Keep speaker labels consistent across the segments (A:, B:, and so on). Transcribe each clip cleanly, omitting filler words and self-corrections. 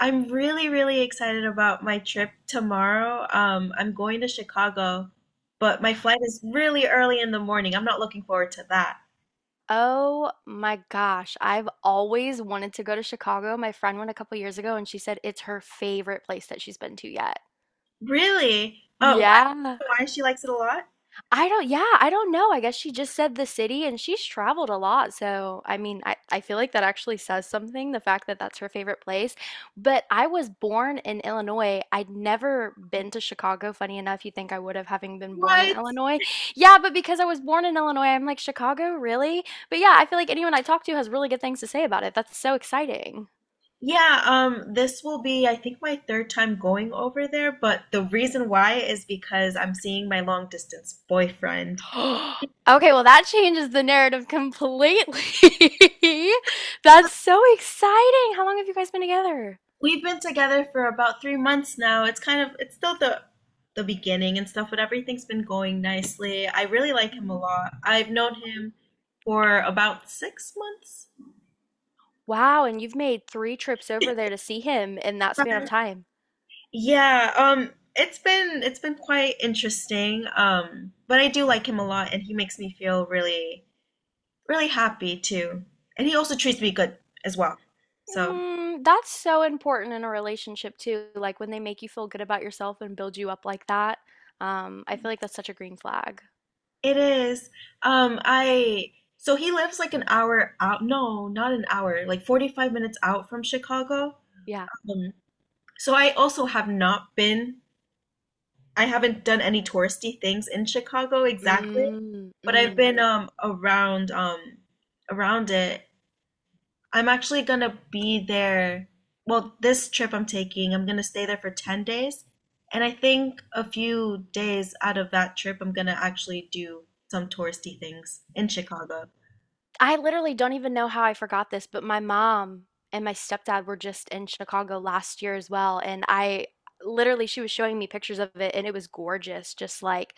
A: I'm really, really excited about my trip tomorrow. I'm going to Chicago, but my flight is really early in the morning. I'm not looking forward to that.
B: Oh my gosh, I've always wanted to go to Chicago. My friend went a couple years ago and she said it's her favorite place that she's been to yet.
A: Really? Oh,
B: Yeah.
A: why she likes it a lot?
B: I don't yeah, I don't know. I guess she just said the city and she's traveled a lot. So, I mean, I feel like that actually says something, the fact that that's her favorite place. But I was born in Illinois. I'd never been to Chicago. Funny enough, you think I would have having been born in
A: What?
B: Illinois. Yeah, but because I was born in Illinois, I'm like, Chicago, really? But yeah, I feel like anyone I talk to has really good things to say about it. That's so exciting.
A: Yeah, this will be, I think, my third time going over there, but the reason why is because I'm seeing my long distance boyfriend.
B: Okay, well, that changes the narrative completely. That's so exciting. How long have you guys been together?
A: We've been together for about 3 months now. It's kind of it's still the beginning and stuff, but everything's been going nicely. I really like him a
B: Mm.
A: lot. I've known him for about 6 months.
B: Wow, and you've made 3 trips over there to see him in that span of time.
A: Yeah, it's been quite interesting. But I do like him a lot, and he makes me feel really really happy too. And he also treats me good as well. So
B: Mm, that's so important in a relationship too, like when they make you feel good about yourself and build you up like that. I feel like that's such a green flag.
A: it is. I so he lives like an hour out. No, not an hour, like 45 minutes out from Chicago.
B: Yeah.
A: Um, so I also have not been, I haven't done any touristy things in Chicago exactly,
B: Mm,
A: but I've
B: mm.
A: been around around it. I'm actually gonna be there. Well, this trip I'm taking, I'm gonna stay there for 10 days, and I think a few days out of that trip, I'm gonna actually do some touristy things in Chicago.
B: I literally don't even know how I forgot this, but my mom and my stepdad were just in Chicago last year as well, and I literally she was showing me pictures of it, and it was gorgeous, just like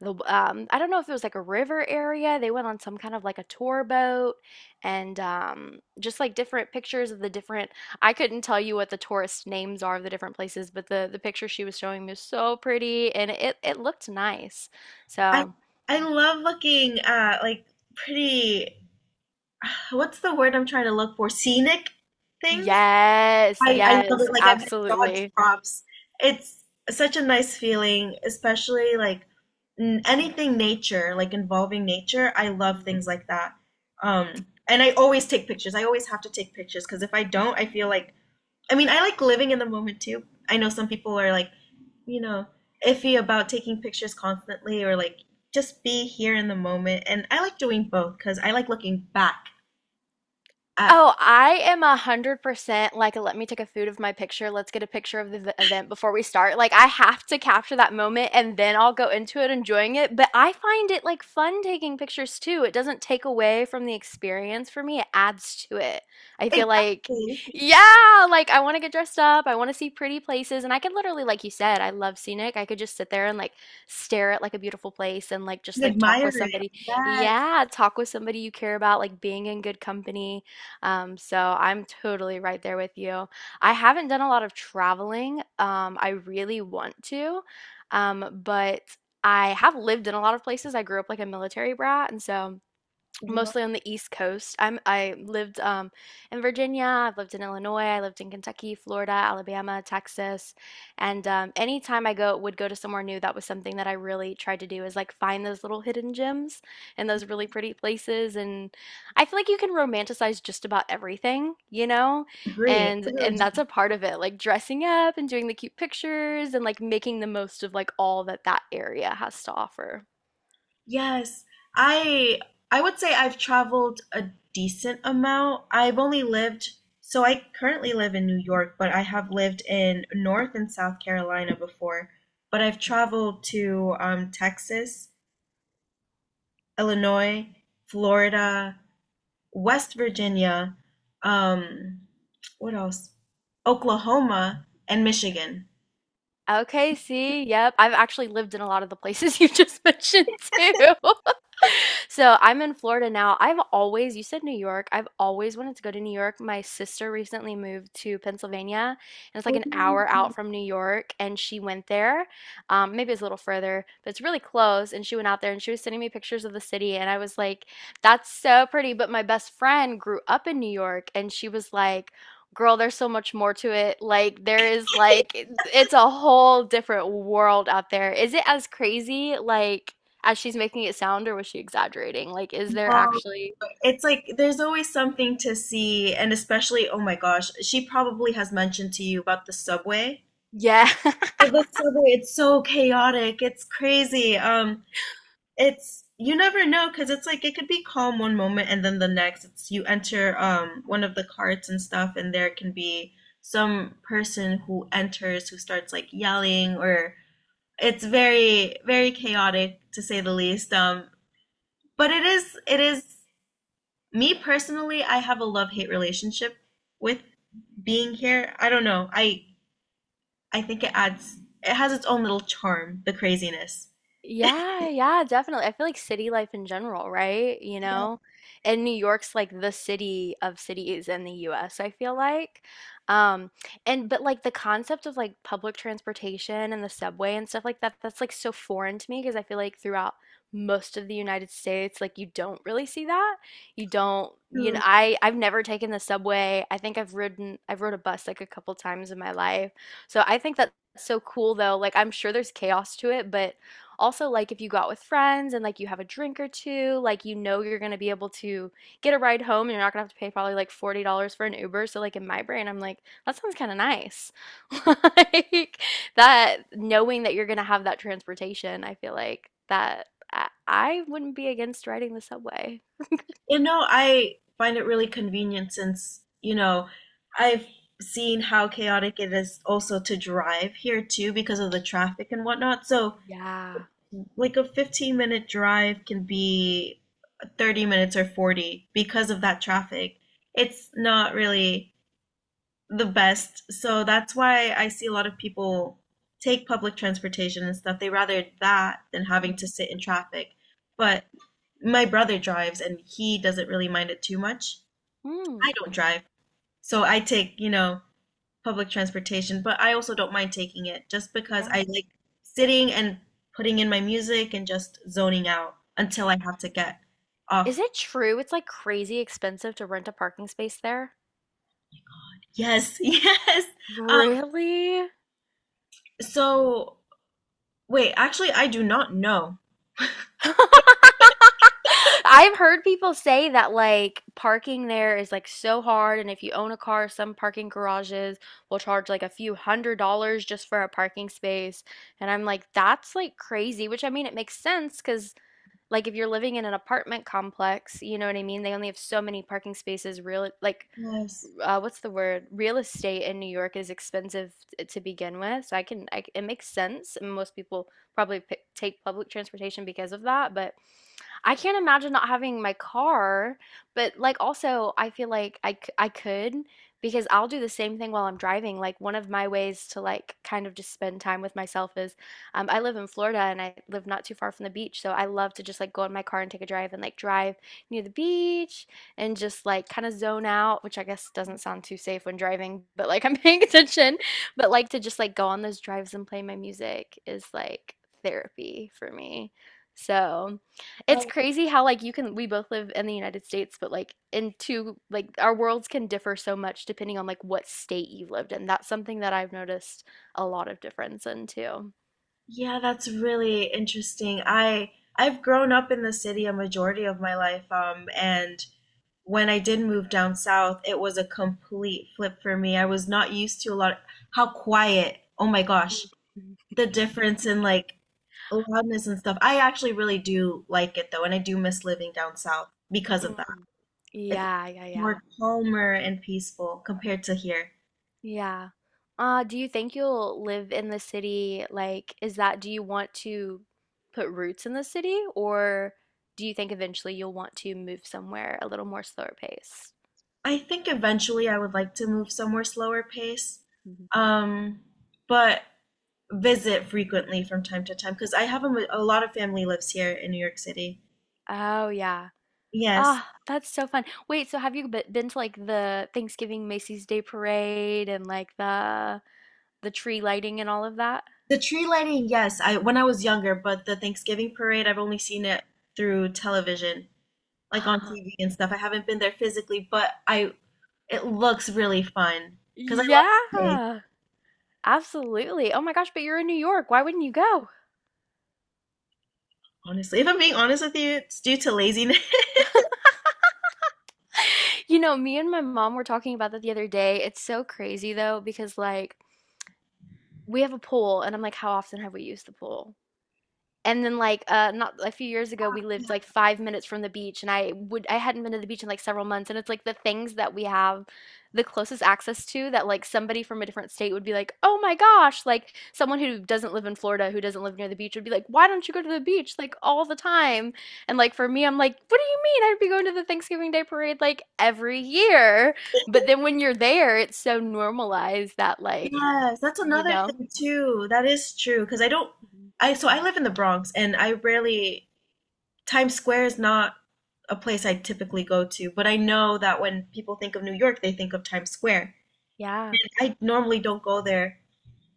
B: the I don't know if it was like a river area. They went on some kind of like a tour boat and just like different pictures of the different I couldn't tell you what the tourist names are of the different places, but the picture she was showing me was so pretty and it looked nice.
A: I
B: So,
A: I love looking at like pretty, what's the word I'm trying to look for? Scenic things.
B: yes,
A: I love
B: yes,
A: it. Like I mean, Dodge
B: absolutely.
A: props. It's such a nice feeling, especially like anything nature, like involving nature. I love
B: Mm.
A: things like that. And I always take pictures. I always have to take pictures because if I don't, I feel like I mean, I like living in the moment too. I know some people are like, you know, iffy about taking pictures constantly or like just be here in the moment. And I like doing both because I like looking back at
B: Oh, I am 100% like, let me take a food of my picture. Let's get a picture of the event before we start. Like, I have to capture that moment and then I'll go into it enjoying it. But I find it like fun taking pictures too. It doesn't take away from the experience for me, it adds to it. I feel like,
A: exactly
B: yeah, like I want to get dressed up. I want to see pretty places. And I could literally, like you said, I love scenic. I could just sit there and like stare at like a beautiful place and like just
A: and
B: like talk
A: admire
B: with
A: it.
B: somebody.
A: Yes,
B: Yeah, talk with somebody you care about, like being in good company. So I'm totally right there with you. I haven't done a lot of traveling. I really want to, but I have lived in a lot of places. I grew up like a military brat, and so
A: well,
B: mostly on the East Coast. I lived in Virginia. I've lived in Illinois. I lived in Kentucky, Florida, Alabama, Texas, and anytime I go would go to somewhere new, that was something that I really tried to do is like find those little hidden gems and those really pretty places. And I feel like you can romanticize just about everything, you know,
A: I agree. I
B: and
A: really
B: and that's a part of it, like dressing up and doing the cute pictures and like making the most of like all that that area has to offer.
A: yes. I I would say I've traveled a decent amount. I've only lived, so I currently live in New York, but I have lived in North and South Carolina before. But I've traveled to Texas, Illinois, Florida, West Virginia, um, what else? Oklahoma and Michigan.
B: Okay, see, yep. I've actually lived in a lot of the places you just mentioned too. So I'm in Florida now. I've always, you said New York, I've always wanted to go to New York. My sister recently moved to Pennsylvania, and it's like
A: Oh,
B: an hour out from New York, and she went there. Maybe it's a little further, but it's really close. And she went out there and she was sending me pictures of the city, and I was like, that's so pretty. But my best friend grew up in New York, and she was like, girl, there's so much more to it. Like there is like it's a whole different world out there. Is it as crazy like as she's making it sound, or was she exaggerating? Like, is there actually?
A: it's like there's always something to see, and especially, oh my gosh, she probably has mentioned to you about the subway.
B: Yeah.
A: The subway, it's so chaotic, it's crazy. It's you never know because it's like it could be calm one moment and then the next it's you enter one of the carts and stuff, and there can be some person who enters who starts like yelling or it's very very chaotic to say the least. But it is me personally, I have a love-hate relationship with being here. I don't know. I think it adds it has its own little charm, the craziness.
B: Yeah, yeah, definitely. I feel like city life in general, right? You
A: Yeah.
B: know, and New York's like the city of cities in the US, I feel like. Um, and but like the concept of like public transportation and the subway and stuff like that, that's like so foreign to me because I feel like throughout most of the United States, like you don't really see that. You don't, you know, I've never taken the subway. I think I've rode a bus like a couple times in my life. So I think that's so cool though. Like I'm sure there's chaos to it, but also, like if you go out with friends and like you have a drink or two, like you know you're gonna be able to get a ride home and you're not gonna have to pay probably like $40 for an Uber. So like in my brain, I'm like, that sounds kind of nice. Like that knowing that you're gonna have that transportation, I feel like that I wouldn't be against riding the subway.
A: You know, I find it really convenient since, you know, I've seen how chaotic it is also to drive here too because of the traffic and whatnot. So,
B: Yeah.
A: like a 15-minute drive can be 30 minutes or 40 because of that traffic. It's not really the best. So that's why I see a lot of people take public transportation and stuff. They rather that than having
B: Mhm.
A: to sit in traffic. But my brother drives and he doesn't really mind it too much.
B: Mm,
A: I don't drive. So I take, you know, public transportation, but I also don't mind taking it just because
B: yeah.
A: I like sitting and putting in my music and just zoning out until I have to get off.
B: Is it true it's like crazy expensive to rent a parking space there?
A: Yes, yes. Um,
B: Really?
A: so wait, actually I do not know.
B: I've heard people say that like parking there is like so hard, and if you own a car, some parking garages will charge like a few $100s just for a parking space. And I'm like, that's like crazy, which I mean, it makes sense because like, if you're living in an apartment complex, you know what I mean? They only have so many parking spaces, real, like,
A: Yes.
B: what's the word? Real estate in New York is expensive to begin with. So I can, I, c- it makes sense. And most people probably take public transportation because of that. But I can't imagine not having my car, but like also I feel like I could because I'll do the same thing while I'm driving. Like one of my ways to like kind of just spend time with myself is I live in Florida and I live not too far from the beach, so I love to just like go in my car and take a drive and like drive near the beach and just like kind of zone out, which I guess doesn't sound too safe when driving, but like I'm paying attention. But like to just like go on those drives and play my music is like therapy for me. So, it's
A: Oh,
B: crazy how like you can we both live in the United States, but like in two like our worlds can differ so much depending on like what state you lived in. That's something that I've noticed a lot of difference in too.
A: yeah, that's really interesting. I've grown up in the city a majority of my life, and when I did move down south, it was a complete flip for me. I was not used to a lot how quiet. Oh my gosh,
B: Mhm.
A: the difference in like loudness and stuff. I actually really do like it though, and I do miss living down south because of that.
B: Mm.
A: It's
B: Yeah, yeah, yeah.
A: more calmer and peaceful compared to here.
B: Yeah. Do you think you'll live in the city? Like, is that, do you want to put roots in the city, or do you think eventually you'll want to move somewhere a little more slower pace?
A: I think eventually I would like to move somewhere slower pace,
B: Mhm.
A: um, but visit frequently from time to time because I have a lot of family lives here in New York City.
B: Oh, yeah.
A: Yes,
B: Ah, that's so fun. Wait, so have you been to like the Thanksgiving Macy's Day Parade and like the tree lighting and all of that?
A: the tree lighting. Yes, I when I was younger, but the Thanksgiving parade I've only seen it through television, like on TV and stuff. I haven't been there physically, but I it looks really fun because I love the parade.
B: Yeah, absolutely. Oh my gosh, but you're in New York. Why wouldn't you go?
A: Honestly, if I'm being honest with you, it's due to laziness.
B: You know, me and my mom were talking about that the other day. It's so crazy though, because like we have a pool, and I'm like, how often have we used the pool? And then, like, not a few years ago, we lived like 5 minutes from the beach, and I hadn't been to the beach in like several months, and it's like the things that we have the closest access to that like somebody from a different state would be like, oh my gosh, like someone who doesn't live in Florida, who doesn't live near the beach, would be like, why don't you go to the beach like all the time? And like for me, I'm like, what do you mean? I'd be going to the Thanksgiving Day parade like every year. But then when you're there, it's so normalized that like,
A: Yes, that's
B: you
A: another
B: know,
A: thing too. That is true because I don't
B: Mhm.
A: I so I live in the Bronx and I rarely Times Square is not a place I typically go to, but I know that when people think of New York, they think of Times Square.
B: Yeah,
A: And I normally don't go there.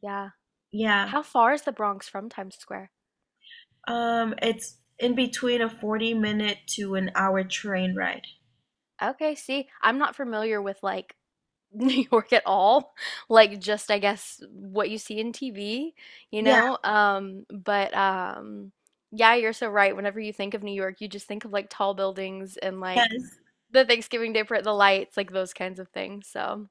B: yeah.
A: Yeah.
B: How far is the Bronx from Times Square?
A: It's in between a 40 minute to an hour train ride.
B: Okay, see, I'm not familiar with like New York at all. Like just I guess what you see in TV, you
A: Yeah,
B: know? But yeah, you're so right. Whenever you think of New York, you just think of like tall buildings and like
A: yes.
B: the Thanksgiving Day parade, the lights, like those kinds of things. So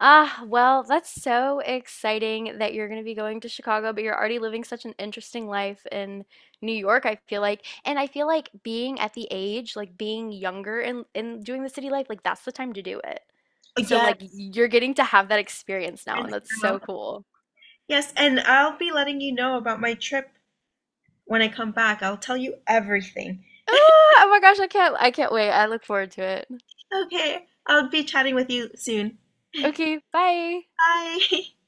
B: ah, well, that's so exciting that you're going to be going to Chicago, but you're already living such an interesting life in New York, I feel like. And I feel like being at the age, like being younger and doing the city life, like that's the time to do it. So
A: Yes.
B: like you're getting to have that experience now, and
A: It's
B: that's
A: now.
B: so cool.
A: Yes, and I'll be letting you know about my trip when I come back. I'll tell you everything.
B: Ah, oh my gosh, I can't wait. I look forward to it.
A: Okay, I'll be chatting with you soon.
B: Okay, bye.
A: Bye.